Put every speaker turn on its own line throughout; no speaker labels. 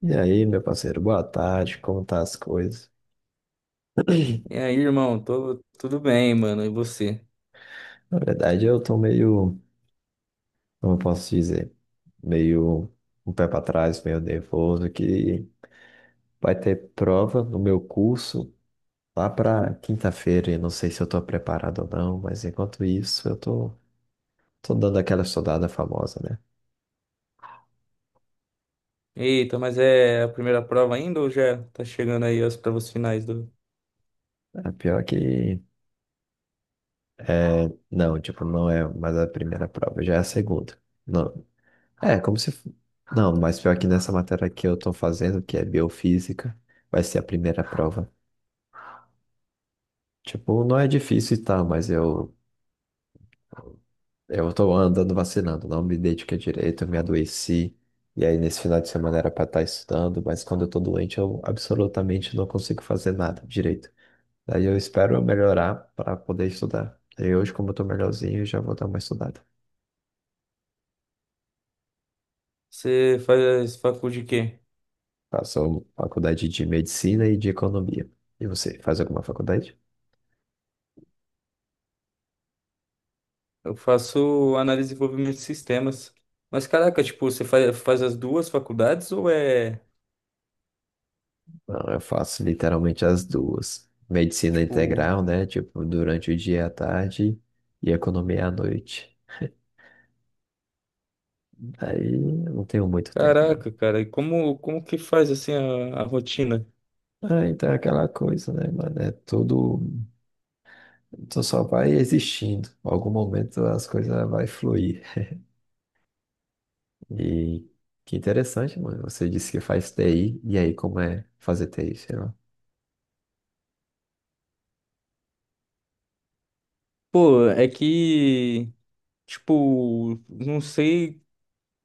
E aí, meu parceiro, boa tarde, como tá as coisas?
E aí, irmão, tô, tudo bem, mano, e você?
Na verdade, eu tô meio, como eu posso dizer, meio um pé pra trás, meio nervoso, que vai ter prova no meu curso lá pra quinta-feira, e não sei se eu tô preparado ou não, mas enquanto isso, eu tô dando aquela estudada famosa, né?
Eita, mas é a primeira prova ainda ou já tá chegando aí as provas finais do...
A pior que, é, não, tipo, não é mais a primeira prova, já é a segunda. Não, é, como se. Não, mas pior que nessa matéria que eu tô fazendo, que é biofísica, vai ser a primeira prova. Tipo, não é difícil e tal, mas eu tô andando vacinando, não me dediquei direito, eu me adoeci. E aí, nesse final de semana era pra estar estudando, mas quando eu tô doente, eu absolutamente não consigo fazer nada direito. Daí eu espero eu melhorar para poder estudar. E hoje, como eu tô melhorzinho, eu já vou dar uma estudada.
Você faz faculdade de quê?
Faço faculdade de medicina e de economia. E você, faz alguma faculdade?
Eu faço análise e desenvolvimento de sistemas. Mas caraca, tipo, você faz, faz as duas faculdades ou é,
Não, eu faço literalmente as duas. Medicina
tipo...
integral, né? Tipo, durante o dia e a tarde e economia à noite. Aí eu não tenho muito tempo, não.
Caraca, cara, e como, como que faz, assim, a rotina?
Ah, então é aquela coisa, né, mano? É tudo. Tu só vai existindo. Em algum momento as coisas vai fluir. E que interessante, mano. Você disse que faz TI. E aí, como é fazer TI, sei lá?
Pô, é que, tipo, não sei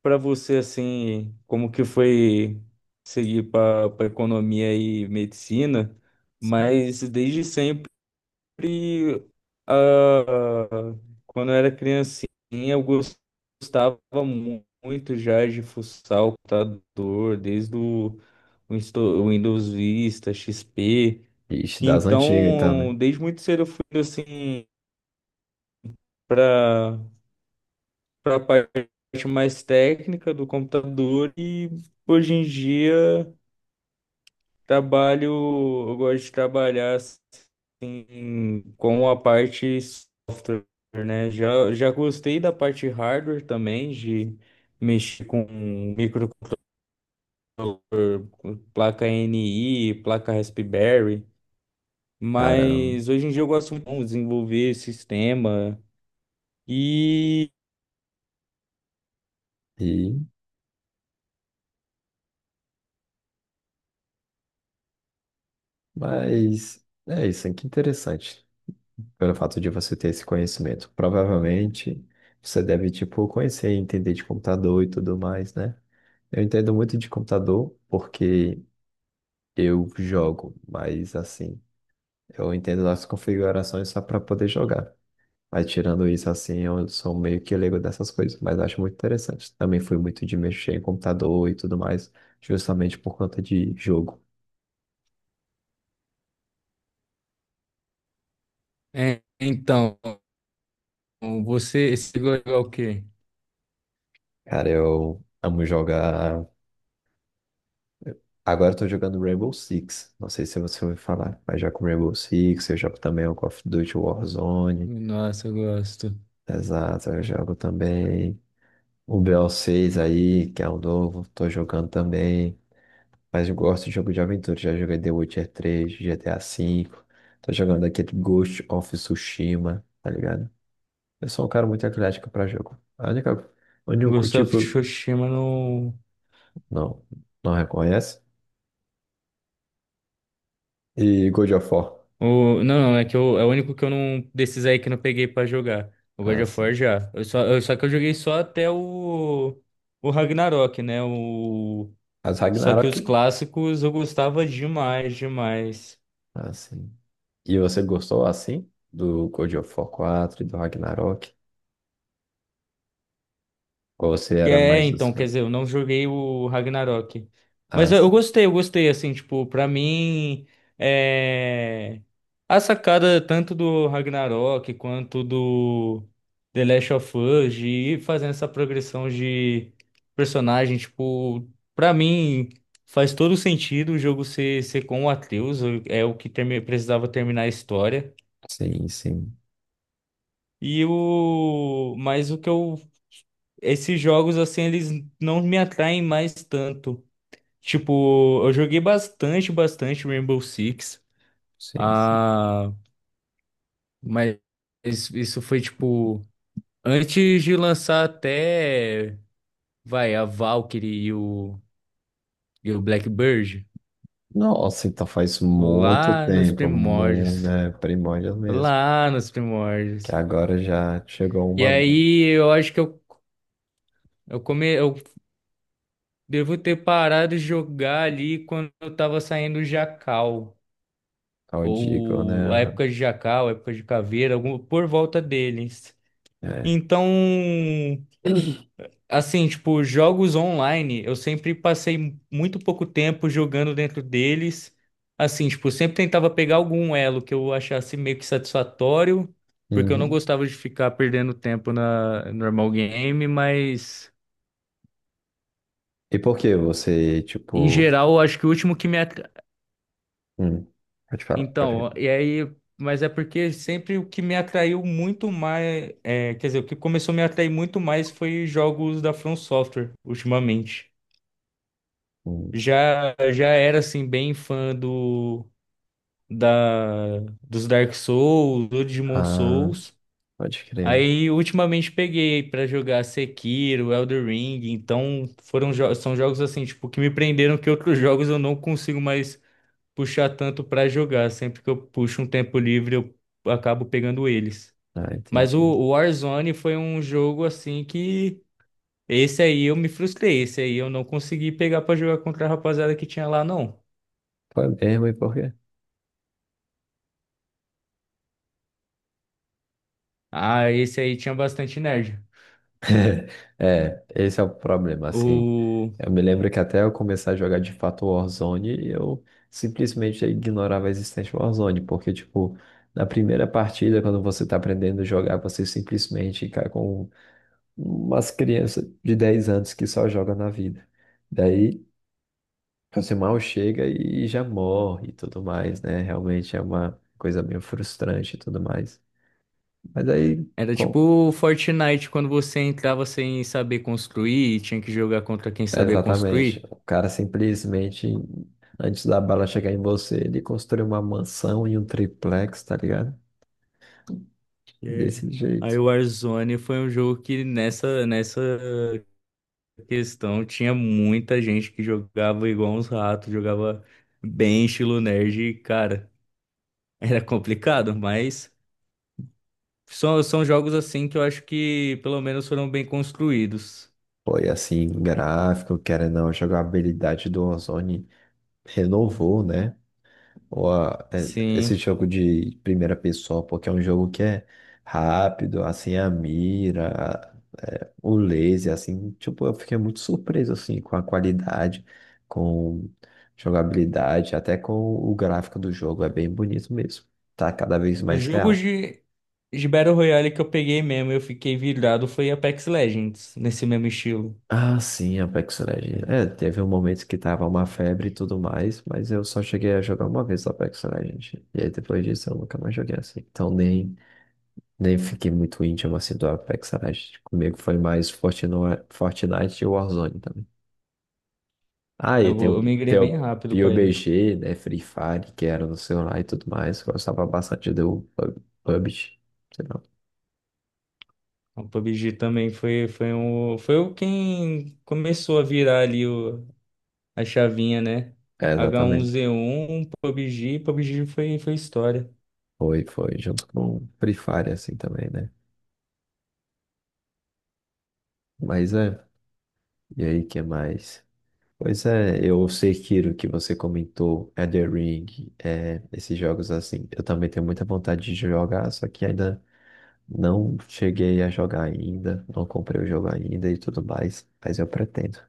para você assim, como que foi seguir para economia e medicina, mas desde sempre ah, quando eu era criancinha gostava muito já de fuçar o computador, desde o Winsto- Windows Vista, XP.
Ixi, das antigas, então, né?
Então, desde muito cedo eu fui assim para a parte mais técnica do computador e hoje em dia trabalho, eu gosto de trabalhar assim, com a parte, software, né? Já gostei da parte hardware também, de mexer com micro com placa N i placa Raspberry,
Caramba.
mas hoje em dia eu gosto muito de desenvolver sistema e
E... mas é isso, hein? Que interessante. Pelo fato de você ter esse conhecimento, provavelmente você deve, tipo, conhecer e entender de computador e tudo mais, né? Eu entendo muito de computador porque eu jogo, mas assim, eu entendo as configurações só para poder jogar. Mas tirando isso, assim, eu sou meio que leigo dessas coisas, mas acho muito interessante. Também fui muito de mexer em computador e tudo mais, justamente por conta de jogo.
é, então, você gosta de jogar o quê?
Cara, eu amo jogar. Agora eu tô jogando Rainbow Six. Não sei se você ouviu falar, mas já com Rainbow Six, eu jogo também o Call of Duty Warzone.
Nossa, eu gosto.
Exato, eu jogo também o BO6 aí, que é um novo, tô jogando também. Mas eu gosto de jogo de aventura, já joguei The Witcher 3, GTA V. Tô jogando aquele Ghost of Tsushima, tá ligado? Eu sou um cara muito eclético pra jogo. A única, o único
Ghost of
tipo,
Tsushima no.
Não, não reconhece. E God of War.
O... Não, é que eu... é o único que eu não. Desses aí que eu não peguei pra jogar. O God
Ah,
of War
sim.
já. Eu só... Só que eu joguei só até o. O Ragnarok, né? O...
Mas
Só que
Ragnarok.
os clássicos eu gostava demais, demais.
Assim. E você gostou assim do God of War 4 e do Ragnarok? Ou você era
É,
mais dos
então, quer
fãs?
dizer, eu não joguei o Ragnarok. Mas
Ah,
eu
sim,
gostei, eu gostei, assim, tipo, pra mim, é... a sacada tanto do Ragnarok quanto do The Last of Us, de ir fazendo essa progressão de personagem, tipo, pra mim faz todo sentido o jogo ser, ser com o Atreus, é o que precisava terminar a história.
sim, sim,
E o. Mas o que eu. Esses jogos, assim, eles não me atraem mais tanto. Tipo, eu joguei bastante, bastante Rainbow Six.
sim. Sim.
Ah, mas isso foi, tipo, antes de lançar até, vai, a Valkyrie e o Blackbird.
Nossa, então faz muito
Lá nos
tempo, muito,
primórdios.
né? Primórdios mesmo.
Lá nos
Que
primórdios.
agora já chegou
E
uma nova,
aí, eu acho que eu devo ter parado de jogar ali quando eu tava saindo o Jacal,
ao Deagle, né?
ou a
Aham,
época de Jacal, a época de Caveira, por volta deles.
é.
Então, assim, tipo, jogos online, eu sempre passei muito pouco tempo jogando dentro deles. Assim, tipo, sempre tentava pegar algum elo que eu achasse meio que satisfatório, porque eu não
Uhum.
gostava de ficar perdendo tempo na normal game, mas
E por que você,
em
tipo.
geral, eu acho que o último que
Hum, pode falar, pode.
então, e aí, mas é porque sempre o que me atraiu muito mais, é, quer dizer, o que começou a me atrair muito mais foi jogos da From Software ultimamente.
Hum.
Já era assim bem fã do da dos Dark Souls, do Demon
Ah,
Souls.
pode crer.
Aí ultimamente peguei pra jogar Sekiro, Elden Ring, então são jogos assim, tipo, que me prenderam que outros jogos eu não consigo mais puxar tanto pra jogar. Sempre que eu puxo um tempo livre, eu acabo pegando eles.
Ah,
Mas o
entendi.
o Warzone foi um jogo assim que esse aí eu me frustrei, esse aí eu não consegui pegar pra jogar contra a rapaziada que tinha lá não.
Foi mesmo, e por quê?
Ah, esse aí tinha bastante nerd.
É, esse é o problema, assim.
O
Eu me lembro que até eu começar a jogar de fato Warzone, eu simplesmente ignorava a existência do Warzone, porque, tipo, na primeira partida, quando você tá aprendendo a jogar, você simplesmente cai com umas crianças de 10 anos que só jogam na vida. Daí, você mal chega e já morre e tudo mais, né? Realmente é uma coisa meio frustrante e tudo mais. Mas aí.
era tipo
com-
o Fortnite quando você entrava sem saber construir e tinha que jogar contra quem sabia
Exatamente.
construir.
O cara simplesmente, antes da bala chegar em você, ele construiu uma mansão e um triplex, tá ligado?
É.
Desse
Aí
jeito.
o Warzone foi um jogo que nessa questão, tinha muita gente que jogava igual uns ratos, jogava bem estilo nerd, e, cara, era complicado, mas são jogos assim que eu acho que pelo menos foram bem construídos.
Foi assim, gráfico, querendo ou não, a jogabilidade do Ozone renovou, né? Ou a- é- Esse
Sim.
jogo de primeira pessoa, porque é um jogo que é rápido, assim, a mira, é, o laser, assim, tipo, eu fiquei muito surpreso, assim, com a qualidade, com jogabilidade, até com o gráfico do jogo, é bem bonito mesmo. Tá cada vez mais
Jogos
real.
de Battle Royale que eu peguei mesmo, eu fiquei virado, foi Apex Legends, nesse mesmo estilo.
Ah, sim, Apex Legends. É, teve um momento que tava uma febre e tudo mais, mas eu só cheguei a jogar uma vez Apex Legends. E aí depois disso eu nunca mais joguei assim. Então nem fiquei muito íntimo assim do Apex Legends. Comigo foi mais Fortnite, Fortnite e Warzone também. Ah, e tem,
Eu
o-
migrei
tem o
bem rápido pra ele.
PUBG, né? Free Fire, que era no celular e tudo mais. Gostava bastante do PUBG. Sei lá.
O PUBG também foi, foi, um, foi o quem começou a virar ali o a chavinha, né?
É,
H um
exatamente.
z 1 PUBG, PUBG foi, foi história.
Foi, foi. Junto com Free Fire, assim também, né? Mas é. E aí, que mais? Pois é, eu sei, Kiro, que você comentou Elden Ring, é, esses jogos assim. Eu também tenho muita vontade de jogar, só que ainda. Não cheguei a jogar ainda, não comprei o jogo ainda e tudo mais, mas eu pretendo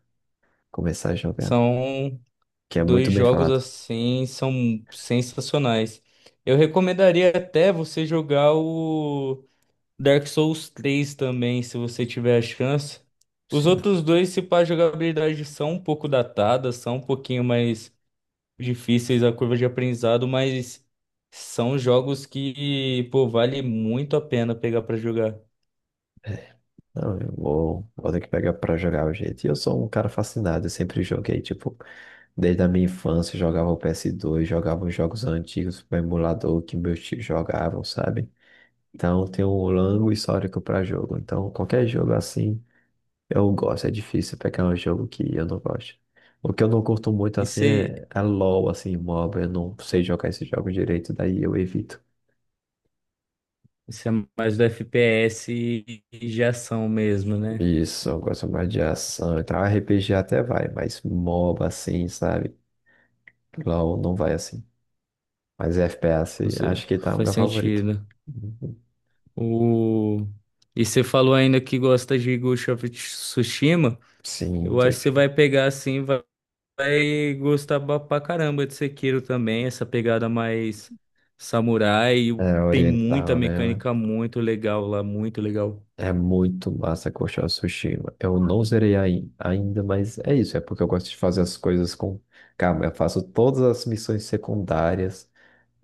começar a jogar,
São
que é muito
dois
bem
jogos
falado.
assim, são sensacionais. Eu recomendaria até você jogar o Dark Souls 3 também, se você tiver a chance. Os
Sim, sim.
outros dois, se pá, a jogabilidade são um pouco datadas, são um pouquinho mais difíceis a curva de aprendizado, mas são jogos que, pô, vale muito a pena pegar pra jogar.
Não, eu vou, vou ter que pegar pra jogar o jeito. E eu sou um cara fascinado, eu sempre joguei, tipo, desde a minha infância, eu jogava o PS2, jogava os jogos antigos, o emulador que meus tios jogavam, sabe? Então, tem um longo histórico pra jogo. Então, qualquer jogo assim. Eu gosto, é difícil pegar um jogo que eu não gosto. O que eu não curto muito
E
assim
você
é, é LOL, assim, MOBA. Eu não sei jogar esse jogo direito, daí eu evito.
isso é mais do FPS e de ação mesmo, né?
Isso, eu gosto mais de ação e tal. RPG até vai, mas MOBA assim, sabe? LOL não vai assim. Mas
Com
FPS
cer-
acho que tá o
faz
meu favorito.
sentido.
Uhum.
O... E você falou ainda que gosta de Ghost of Tsushima.
Sim,
Eu
tô
acho que você
de-
vai pegar assim, e vai gostar ba- pra caramba de Sekiro também. Essa pegada mais samurai. E o-
É
tem muita
oriental, né?
mecânica muito legal lá, muito legal.
É muito massa Ghost of Tsushima. Eu não zerei ainda, mas é isso. É porque eu gosto de fazer as coisas com calma. Eu faço todas as missões secundárias.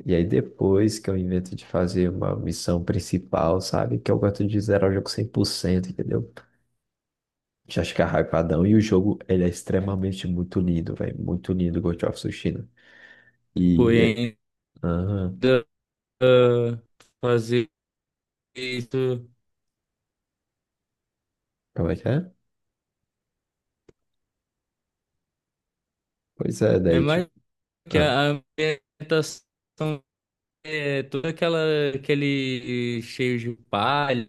E aí depois que eu invento de fazer uma missão principal, sabe? Que eu gosto de zerar o jogo 100%, entendeu? Já fica hypadão. E o jogo, ele é extremamente muito lindo, velho. Muito lindo, Ghost of Tsushima. E... é-
Porém,
Ah,
ainda ah, fazer isso
como é que é? Pois é,
é
daí tipo...
mais que a
Ah,
a ambientação. É todo aquela, aquele cheio de palha,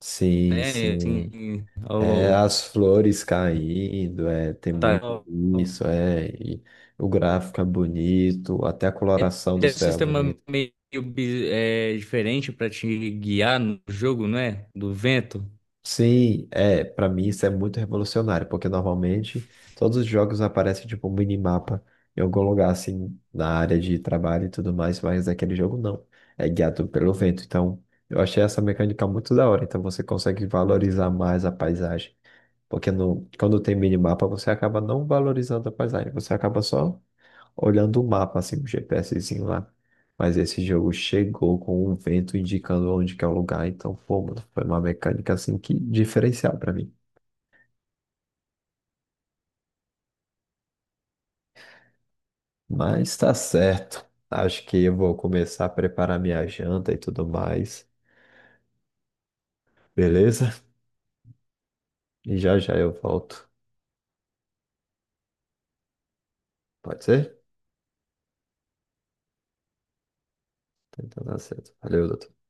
sim,
né? Assim,
sim.
ao,
É
ao-
as flores caindo, é, tem muito isso, é, e o gráfico é bonito, até a
é
coloração do
até um
céu é
sistema
bonita.
meio bi- é, diferente para te guiar no jogo, não é? Do vento.
Sim, é, para mim isso é muito revolucionário, porque normalmente todos os jogos aparecem tipo um minimapa em algum lugar assim, na área de trabalho e tudo mais, mas aquele jogo não, é guiado pelo vento. Então, eu achei essa mecânica muito da hora, então você consegue valorizar mais a paisagem. Porque no, quando tem minimapa, você acaba não valorizando a paisagem, você acaba só olhando o mapa, assim, o GPSzinho lá. Mas esse jogo chegou com um vento indicando onde que é o lugar, então, pô, mano, foi uma mecânica, assim, que diferencial pra mim. Mas tá certo. Acho que eu vou começar a preparar minha janta e tudo mais, beleza? E já já eu volto. Pode ser? Então tá certo. Valeu, doutor.